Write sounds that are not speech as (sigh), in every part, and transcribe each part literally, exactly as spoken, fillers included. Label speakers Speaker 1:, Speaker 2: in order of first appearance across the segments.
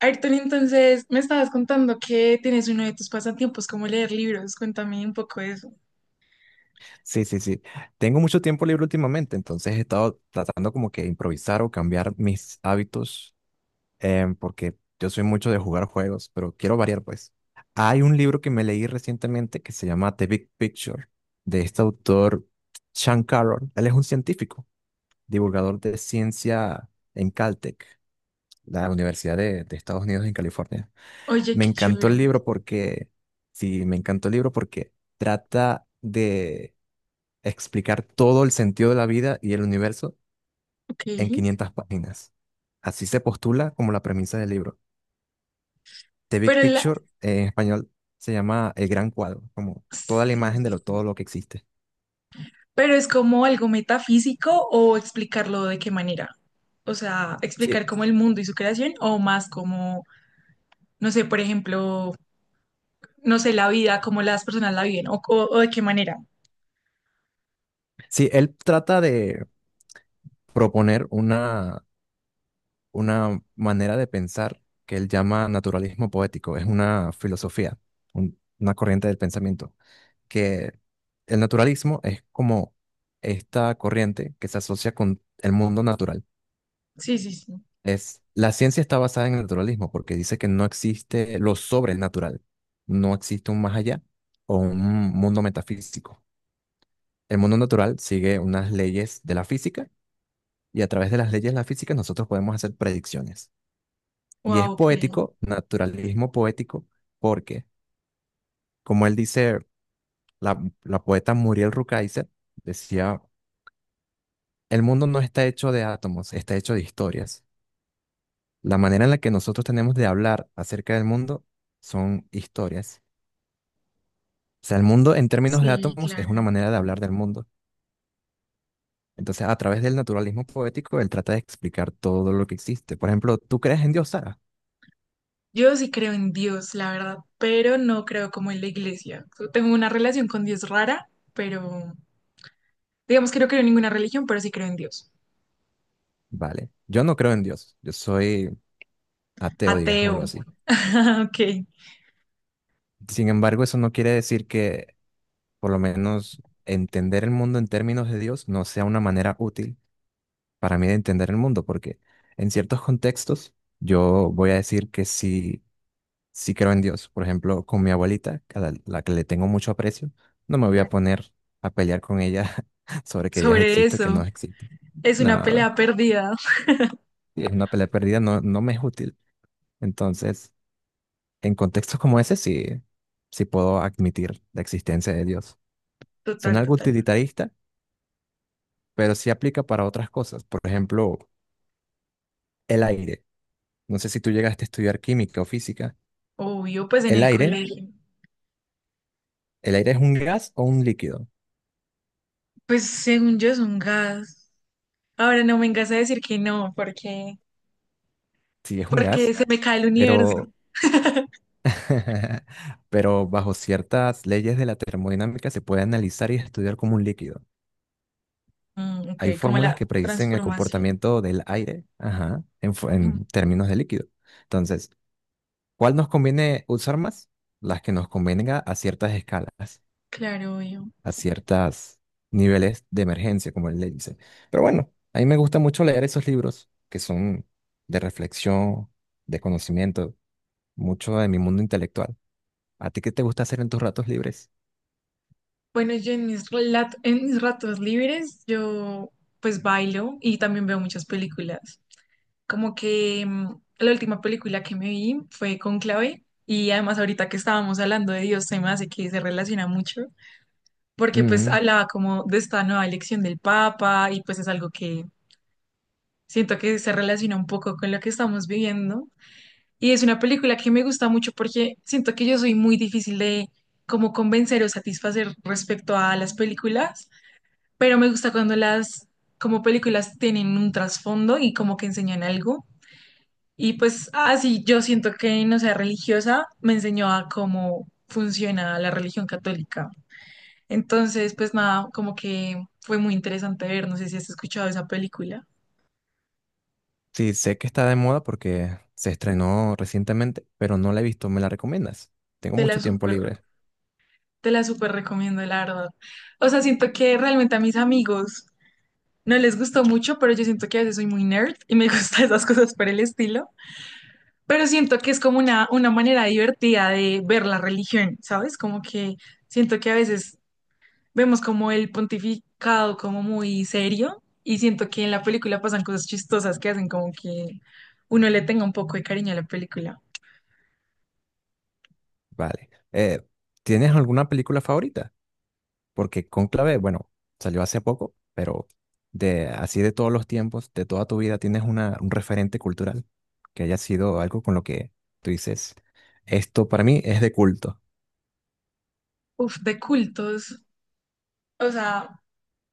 Speaker 1: Ayrton, entonces me estabas contando que tienes uno de tus pasatiempos como leer libros. Cuéntame un poco de eso.
Speaker 2: Sí, sí, sí. Tengo mucho tiempo libre últimamente, entonces he estado tratando como que improvisar o cambiar mis hábitos, em, porque yo soy mucho de jugar juegos, pero quiero variar, pues. Hay un libro que me leí recientemente que se llama The Big Picture, de este autor Sean Carroll. Él es un científico, divulgador de ciencia en Caltech, la Universidad de, de Estados Unidos en California.
Speaker 1: Oye,
Speaker 2: Me
Speaker 1: qué
Speaker 2: encantó
Speaker 1: chévere.
Speaker 2: el libro porque, sí, me encantó el libro porque trata de explicar todo el sentido de la vida y el universo
Speaker 1: Ok.
Speaker 2: en quinientas páginas. Así se postula como la premisa del libro. The Big
Speaker 1: Pero la...
Speaker 2: Picture, eh, en español, se llama el gran cuadro, como toda la
Speaker 1: sí,
Speaker 2: imagen de
Speaker 1: sí,
Speaker 2: lo,
Speaker 1: sí.
Speaker 2: todo lo que existe.
Speaker 1: Pero es como algo metafísico o explicarlo de qué manera. O sea, explicar
Speaker 2: Sí,
Speaker 1: como el mundo y su creación o más como, no sé, por ejemplo, no sé, la vida, cómo las personas la viven o, o o de qué manera.
Speaker 2: sí, él trata de proponer una, una manera de pensar que él llama naturalismo poético. Es una filosofía, un- una corriente del pensamiento, que el naturalismo es como esta corriente que se asocia con el mundo natural.
Speaker 1: Sí, sí, sí.
Speaker 2: Es, la ciencia está basada en el naturalismo porque dice que no existe lo sobrenatural, no existe un más allá o un mundo metafísico. El mundo natural sigue unas leyes de la física y a través de las leyes de la física nosotros podemos hacer predicciones. Y es
Speaker 1: Wow, ok.
Speaker 2: poético, naturalismo poético, porque como él dice, la, la poeta Muriel Rukeyser decía, el mundo no está hecho de átomos, está hecho de historias. La manera en la que nosotros tenemos de hablar acerca del mundo son historias. O sea, el mundo en términos de
Speaker 1: Sí,
Speaker 2: átomos es
Speaker 1: claro.
Speaker 2: una manera de hablar del mundo. Entonces, a través del naturalismo poético, él trata de explicar todo lo que existe. Por ejemplo, ¿tú crees en Dios, Sara?
Speaker 1: Yo sí creo en Dios, la verdad, pero no creo como en la iglesia. Yo tengo una relación con Dios rara, pero digamos que no creo en ninguna religión, pero sí creo en Dios.
Speaker 2: Vale. Yo no creo en Dios. Yo soy ateo, digámoslo
Speaker 1: Ateo.
Speaker 2: así.
Speaker 1: (laughs) Ok.
Speaker 2: Sin embargo, eso no quiere decir que, por lo menos, entender el mundo en términos de Dios no sea una manera útil para mí de entender el mundo, porque en ciertos contextos yo voy a decir que sí, sí creo en Dios. Por ejemplo, con mi abuelita, a la, la que le tengo mucho aprecio, no me voy a
Speaker 1: Claro.
Speaker 2: poner a pelear con ella (laughs) sobre que Dios
Speaker 1: Sobre
Speaker 2: existe o que
Speaker 1: eso.
Speaker 2: no existe.
Speaker 1: Es una
Speaker 2: No,
Speaker 1: pelea perdida. (laughs)
Speaker 2: sí, es una pelea perdida, no, no me es útil. Entonces, en contextos como ese, sí, sí puedo admitir la existencia de Dios.
Speaker 1: Total,
Speaker 2: Suena algo
Speaker 1: total.
Speaker 2: utilitarista, pero sí aplica para otras cosas. Por ejemplo, el aire. No sé si tú llegaste a estudiar química o física.
Speaker 1: Obvio, pues en
Speaker 2: El
Speaker 1: el
Speaker 2: aire,
Speaker 1: colegio.
Speaker 2: ¿el aire es un gas o un líquido?
Speaker 1: Pues según yo es un gas. Ahora no me vengas a decir que no, porque,
Speaker 2: Sí, es un
Speaker 1: porque
Speaker 2: gas,
Speaker 1: se me cae el universo.
Speaker 2: pero
Speaker 1: (laughs)
Speaker 2: (laughs) pero bajo ciertas leyes de la termodinámica se puede analizar y estudiar como un líquido.
Speaker 1: Mm, ok,
Speaker 2: Hay
Speaker 1: como
Speaker 2: fórmulas
Speaker 1: la
Speaker 2: que predicen el
Speaker 1: transformación.
Speaker 2: comportamiento del aire, ajá, en, fu-
Speaker 1: Mm,
Speaker 2: en términos de líquido. Entonces, ¿cuál nos conviene usar más? Las que nos convenga a ciertas escalas,
Speaker 1: claro, obvio.
Speaker 2: a ciertos niveles de emergencia, como él le dice. Pero bueno, a mí me gusta mucho leer esos libros que son de reflexión, de conocimiento, mucho de mi mundo intelectual. ¿A ti qué te gusta hacer en tus ratos libres?
Speaker 1: Bueno, yo en mis, relat- en mis ratos libres, yo pues bailo y también veo muchas películas. Como que mm, la última película que me vi fue Conclave y además ahorita que estábamos hablando de Dios, se me hace que se relaciona mucho porque pues hablaba como de esta nueva elección del Papa y pues es algo que siento que se relaciona un poco con lo que estamos viviendo. Y es una película que me gusta mucho porque siento que yo soy muy difícil de como convencer o satisfacer respecto a las películas, pero me gusta cuando las como películas tienen un trasfondo y como que enseñan algo. Y pues así yo siento que no sea religiosa, me enseñó a cómo funciona la religión católica. Entonces, pues nada, como que fue muy interesante ver, no sé si has escuchado esa película.
Speaker 2: Sí, sé que está de moda porque se estrenó recientemente, pero no la he visto. ¿Me la recomiendas? Tengo
Speaker 1: Te la
Speaker 2: mucho tiempo
Speaker 1: súper,
Speaker 2: libre.
Speaker 1: te la súper recomiendo, la verdad. O sea, siento que realmente a mis amigos no les gustó mucho, pero yo siento que a veces soy muy nerd y me (laughs) gustan esas cosas por el estilo. Pero siento que es como una, una manera divertida de ver la religión, ¿sabes? Como que siento que a veces vemos como el pontificado como muy serio y siento que en la película pasan cosas chistosas que hacen como que uno le tenga un poco de cariño a la película.
Speaker 2: Vale. Eh, ¿tienes alguna película favorita? Porque Cónclave, bueno, salió hace poco, pero de así de todos los tiempos, de toda tu vida, ¿tienes una, un referente cultural que haya sido algo con lo que tú dices, esto para mí es de culto?
Speaker 1: Uf, de cultos. O sea,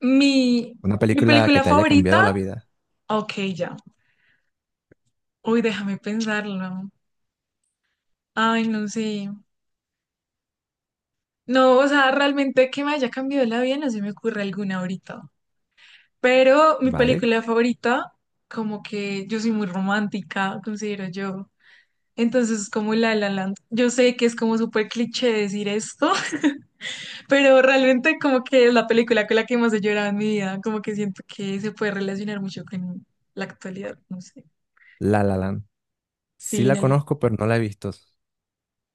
Speaker 1: mi,
Speaker 2: Una
Speaker 1: mi
Speaker 2: película que
Speaker 1: película
Speaker 2: te haya
Speaker 1: favorita,
Speaker 2: cambiado la vida,
Speaker 1: ok, ya. Uy, déjame pensarlo. Ay, no sé. No, o sea, realmente que me haya cambiado la vida, no se me ocurre alguna ahorita. Pero mi
Speaker 2: ¿vale?
Speaker 1: película favorita, como que yo soy muy romántica, considero yo. Entonces, es como La La Land. Yo sé que es como súper cliché decir esto, (laughs) pero realmente como que es la película con la que más he llorado en mi vida. Como que siento que se puede relacionar mucho con la actualidad, no sé.
Speaker 2: La La Land. Sí
Speaker 1: Sí,
Speaker 2: la
Speaker 1: no le-
Speaker 2: conozco, pero no la he visto.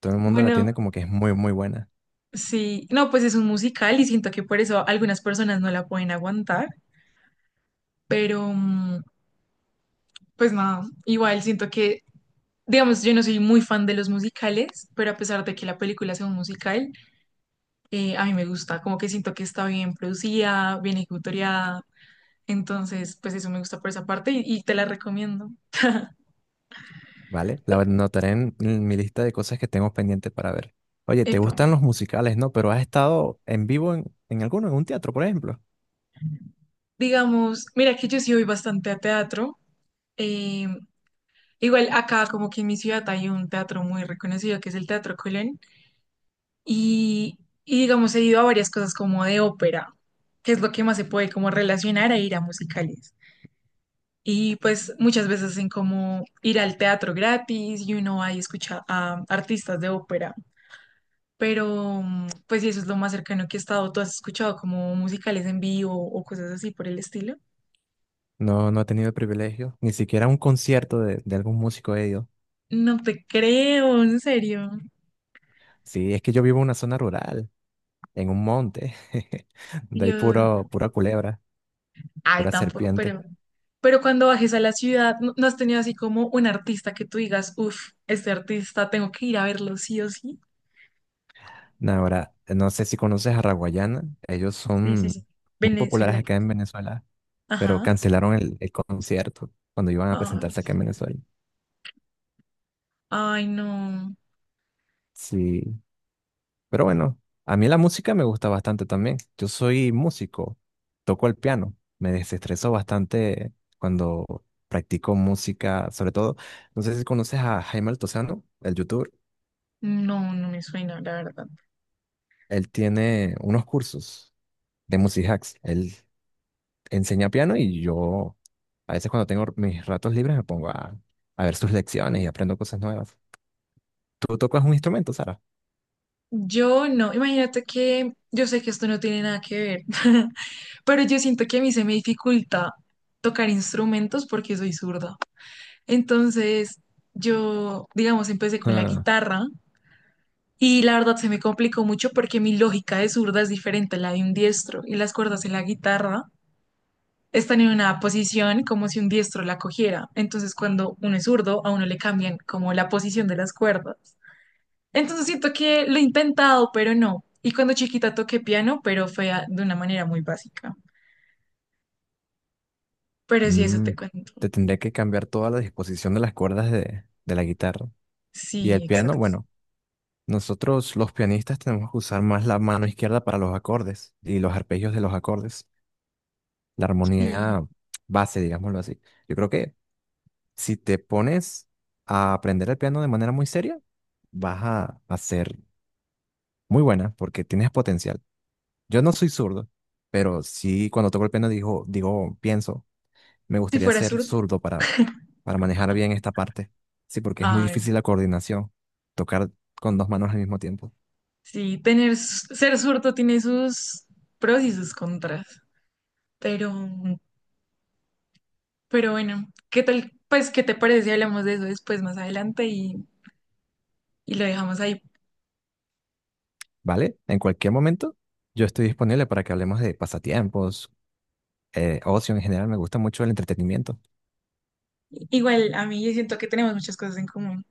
Speaker 2: Todo el mundo la tiene
Speaker 1: Bueno,
Speaker 2: como que es muy, muy buena.
Speaker 1: sí. No, pues es un musical y siento que por eso algunas personas no la pueden aguantar, pero, mm, pues nada, igual siento que, digamos, yo no soy muy fan de los musicales, pero a pesar de que la película sea un musical, eh, a mí me gusta, como que siento que está bien producida, bien ejecutoriada, entonces, pues eso me gusta por esa parte y, y te la recomiendo.
Speaker 2: ¿Vale? La anotaré en, en mi lista de cosas que tengo pendientes para ver. Oye, ¿te
Speaker 1: Epa.
Speaker 2: gustan los musicales, no? Pero has estado en vivo en, en alguno, en un teatro, por ejemplo.
Speaker 1: Digamos, mira que yo sí voy bastante a teatro. eh, Igual acá como que en mi ciudad hay un teatro muy reconocido que es el Teatro Colón y, y digamos he ido a varias cosas como de ópera, que es lo que más se puede como relacionar a ir a musicales. Y pues muchas veces hacen como ir al teatro gratis y uno va y escucha a artistas de ópera. Pero mm, pues sí, eso es lo más cercano que he estado. ¿Tú has escuchado como musicales en vivo o cosas así por el estilo?
Speaker 2: No, no he tenido el privilegio, ni siquiera a un concierto de, de algún músico he ido.
Speaker 1: No te creo, en serio.
Speaker 2: Sí, es que yo vivo en una zona rural, en un monte, (laughs) de ahí
Speaker 1: Yo,
Speaker 2: puro, pura culebra,
Speaker 1: ay,
Speaker 2: pura
Speaker 1: tampoco,
Speaker 2: serpiente.
Speaker 1: pero, pero cuando bajes a la ciudad, ¿no, no has tenido así como un artista que tú digas, uff, este artista tengo que ir a verlo sí o sí?
Speaker 2: Nah. Ahora, no sé si conoces a Raguayana, ellos
Speaker 1: Sí, sí, sí.
Speaker 2: son muy populares
Speaker 1: Venezolano.
Speaker 2: acá en Venezuela, pero
Speaker 1: Ajá.
Speaker 2: cancelaron el, el concierto cuando iban a
Speaker 1: Ay,
Speaker 2: presentarse acá en Venezuela.
Speaker 1: ay, no.
Speaker 2: Sí. Pero bueno, a mí la música me gusta bastante también. Yo soy músico, toco el piano, me desestreso bastante cuando practico música, sobre todo, no sé si conoces a Jaime Altozano, el youtuber.
Speaker 1: No, no me suena, la verdad.
Speaker 2: Él tiene unos cursos de music hacks. Él enseña piano y yo a veces cuando tengo mis ratos libres me pongo a, a ver sus lecciones y aprendo cosas nuevas. ¿Tú tocas un instrumento, Sara?
Speaker 1: Yo no, imagínate que yo sé que esto no tiene nada que ver, (laughs) pero yo siento que a mí se me dificulta tocar instrumentos porque soy zurda. Entonces, yo, digamos, empecé con la
Speaker 2: (laughs)
Speaker 1: guitarra y la verdad se me complicó mucho porque mi lógica de zurda es diferente a la de un diestro y las cuerdas de la guitarra están en una posición como si un diestro la cogiera. Entonces, cuando uno es zurdo, a uno le cambian como la posición de las cuerdas. Entonces siento que lo he intentado, pero no. Y cuando chiquita toqué piano, pero fue a- de una manera muy básica.
Speaker 2: Ah,
Speaker 1: Pero sí, eso
Speaker 2: mm,
Speaker 1: te cuento.
Speaker 2: te tendré que cambiar toda la disposición de las cuerdas de de la guitarra. Y el
Speaker 1: Sí,
Speaker 2: piano,
Speaker 1: exacto.
Speaker 2: bueno, nosotros los pianistas tenemos que usar más la mano izquierda para los acordes y los arpegios de los acordes, la
Speaker 1: Sí.
Speaker 2: armonía base, digámoslo así. Yo creo que si te pones a aprender el piano de manera muy seria, vas a, a ser muy buena porque tienes potencial. Yo no soy zurdo, pero sí cuando toco el piano digo, digo, pienso, me
Speaker 1: Si
Speaker 2: gustaría
Speaker 1: fuera
Speaker 2: ser
Speaker 1: zurdo.
Speaker 2: zurdo para, para manejar bien esta parte. Sí, porque es muy
Speaker 1: Ay,
Speaker 2: difícil la coordinación, tocar con dos manos al mismo tiempo.
Speaker 1: sí, tener, s- ser zurdo tiene sus pros y sus contras. Pero, pero bueno, ¿qué tal? Pues, ¿qué te parece si hablamos de eso después, más adelante y, y lo dejamos ahí?
Speaker 2: ¿Vale? En cualquier momento, yo estoy disponible para que hablemos de pasatiempos, eh, ocio en general. Me gusta mucho el entretenimiento.
Speaker 1: Igual, a mí yo siento que tenemos muchas cosas en común.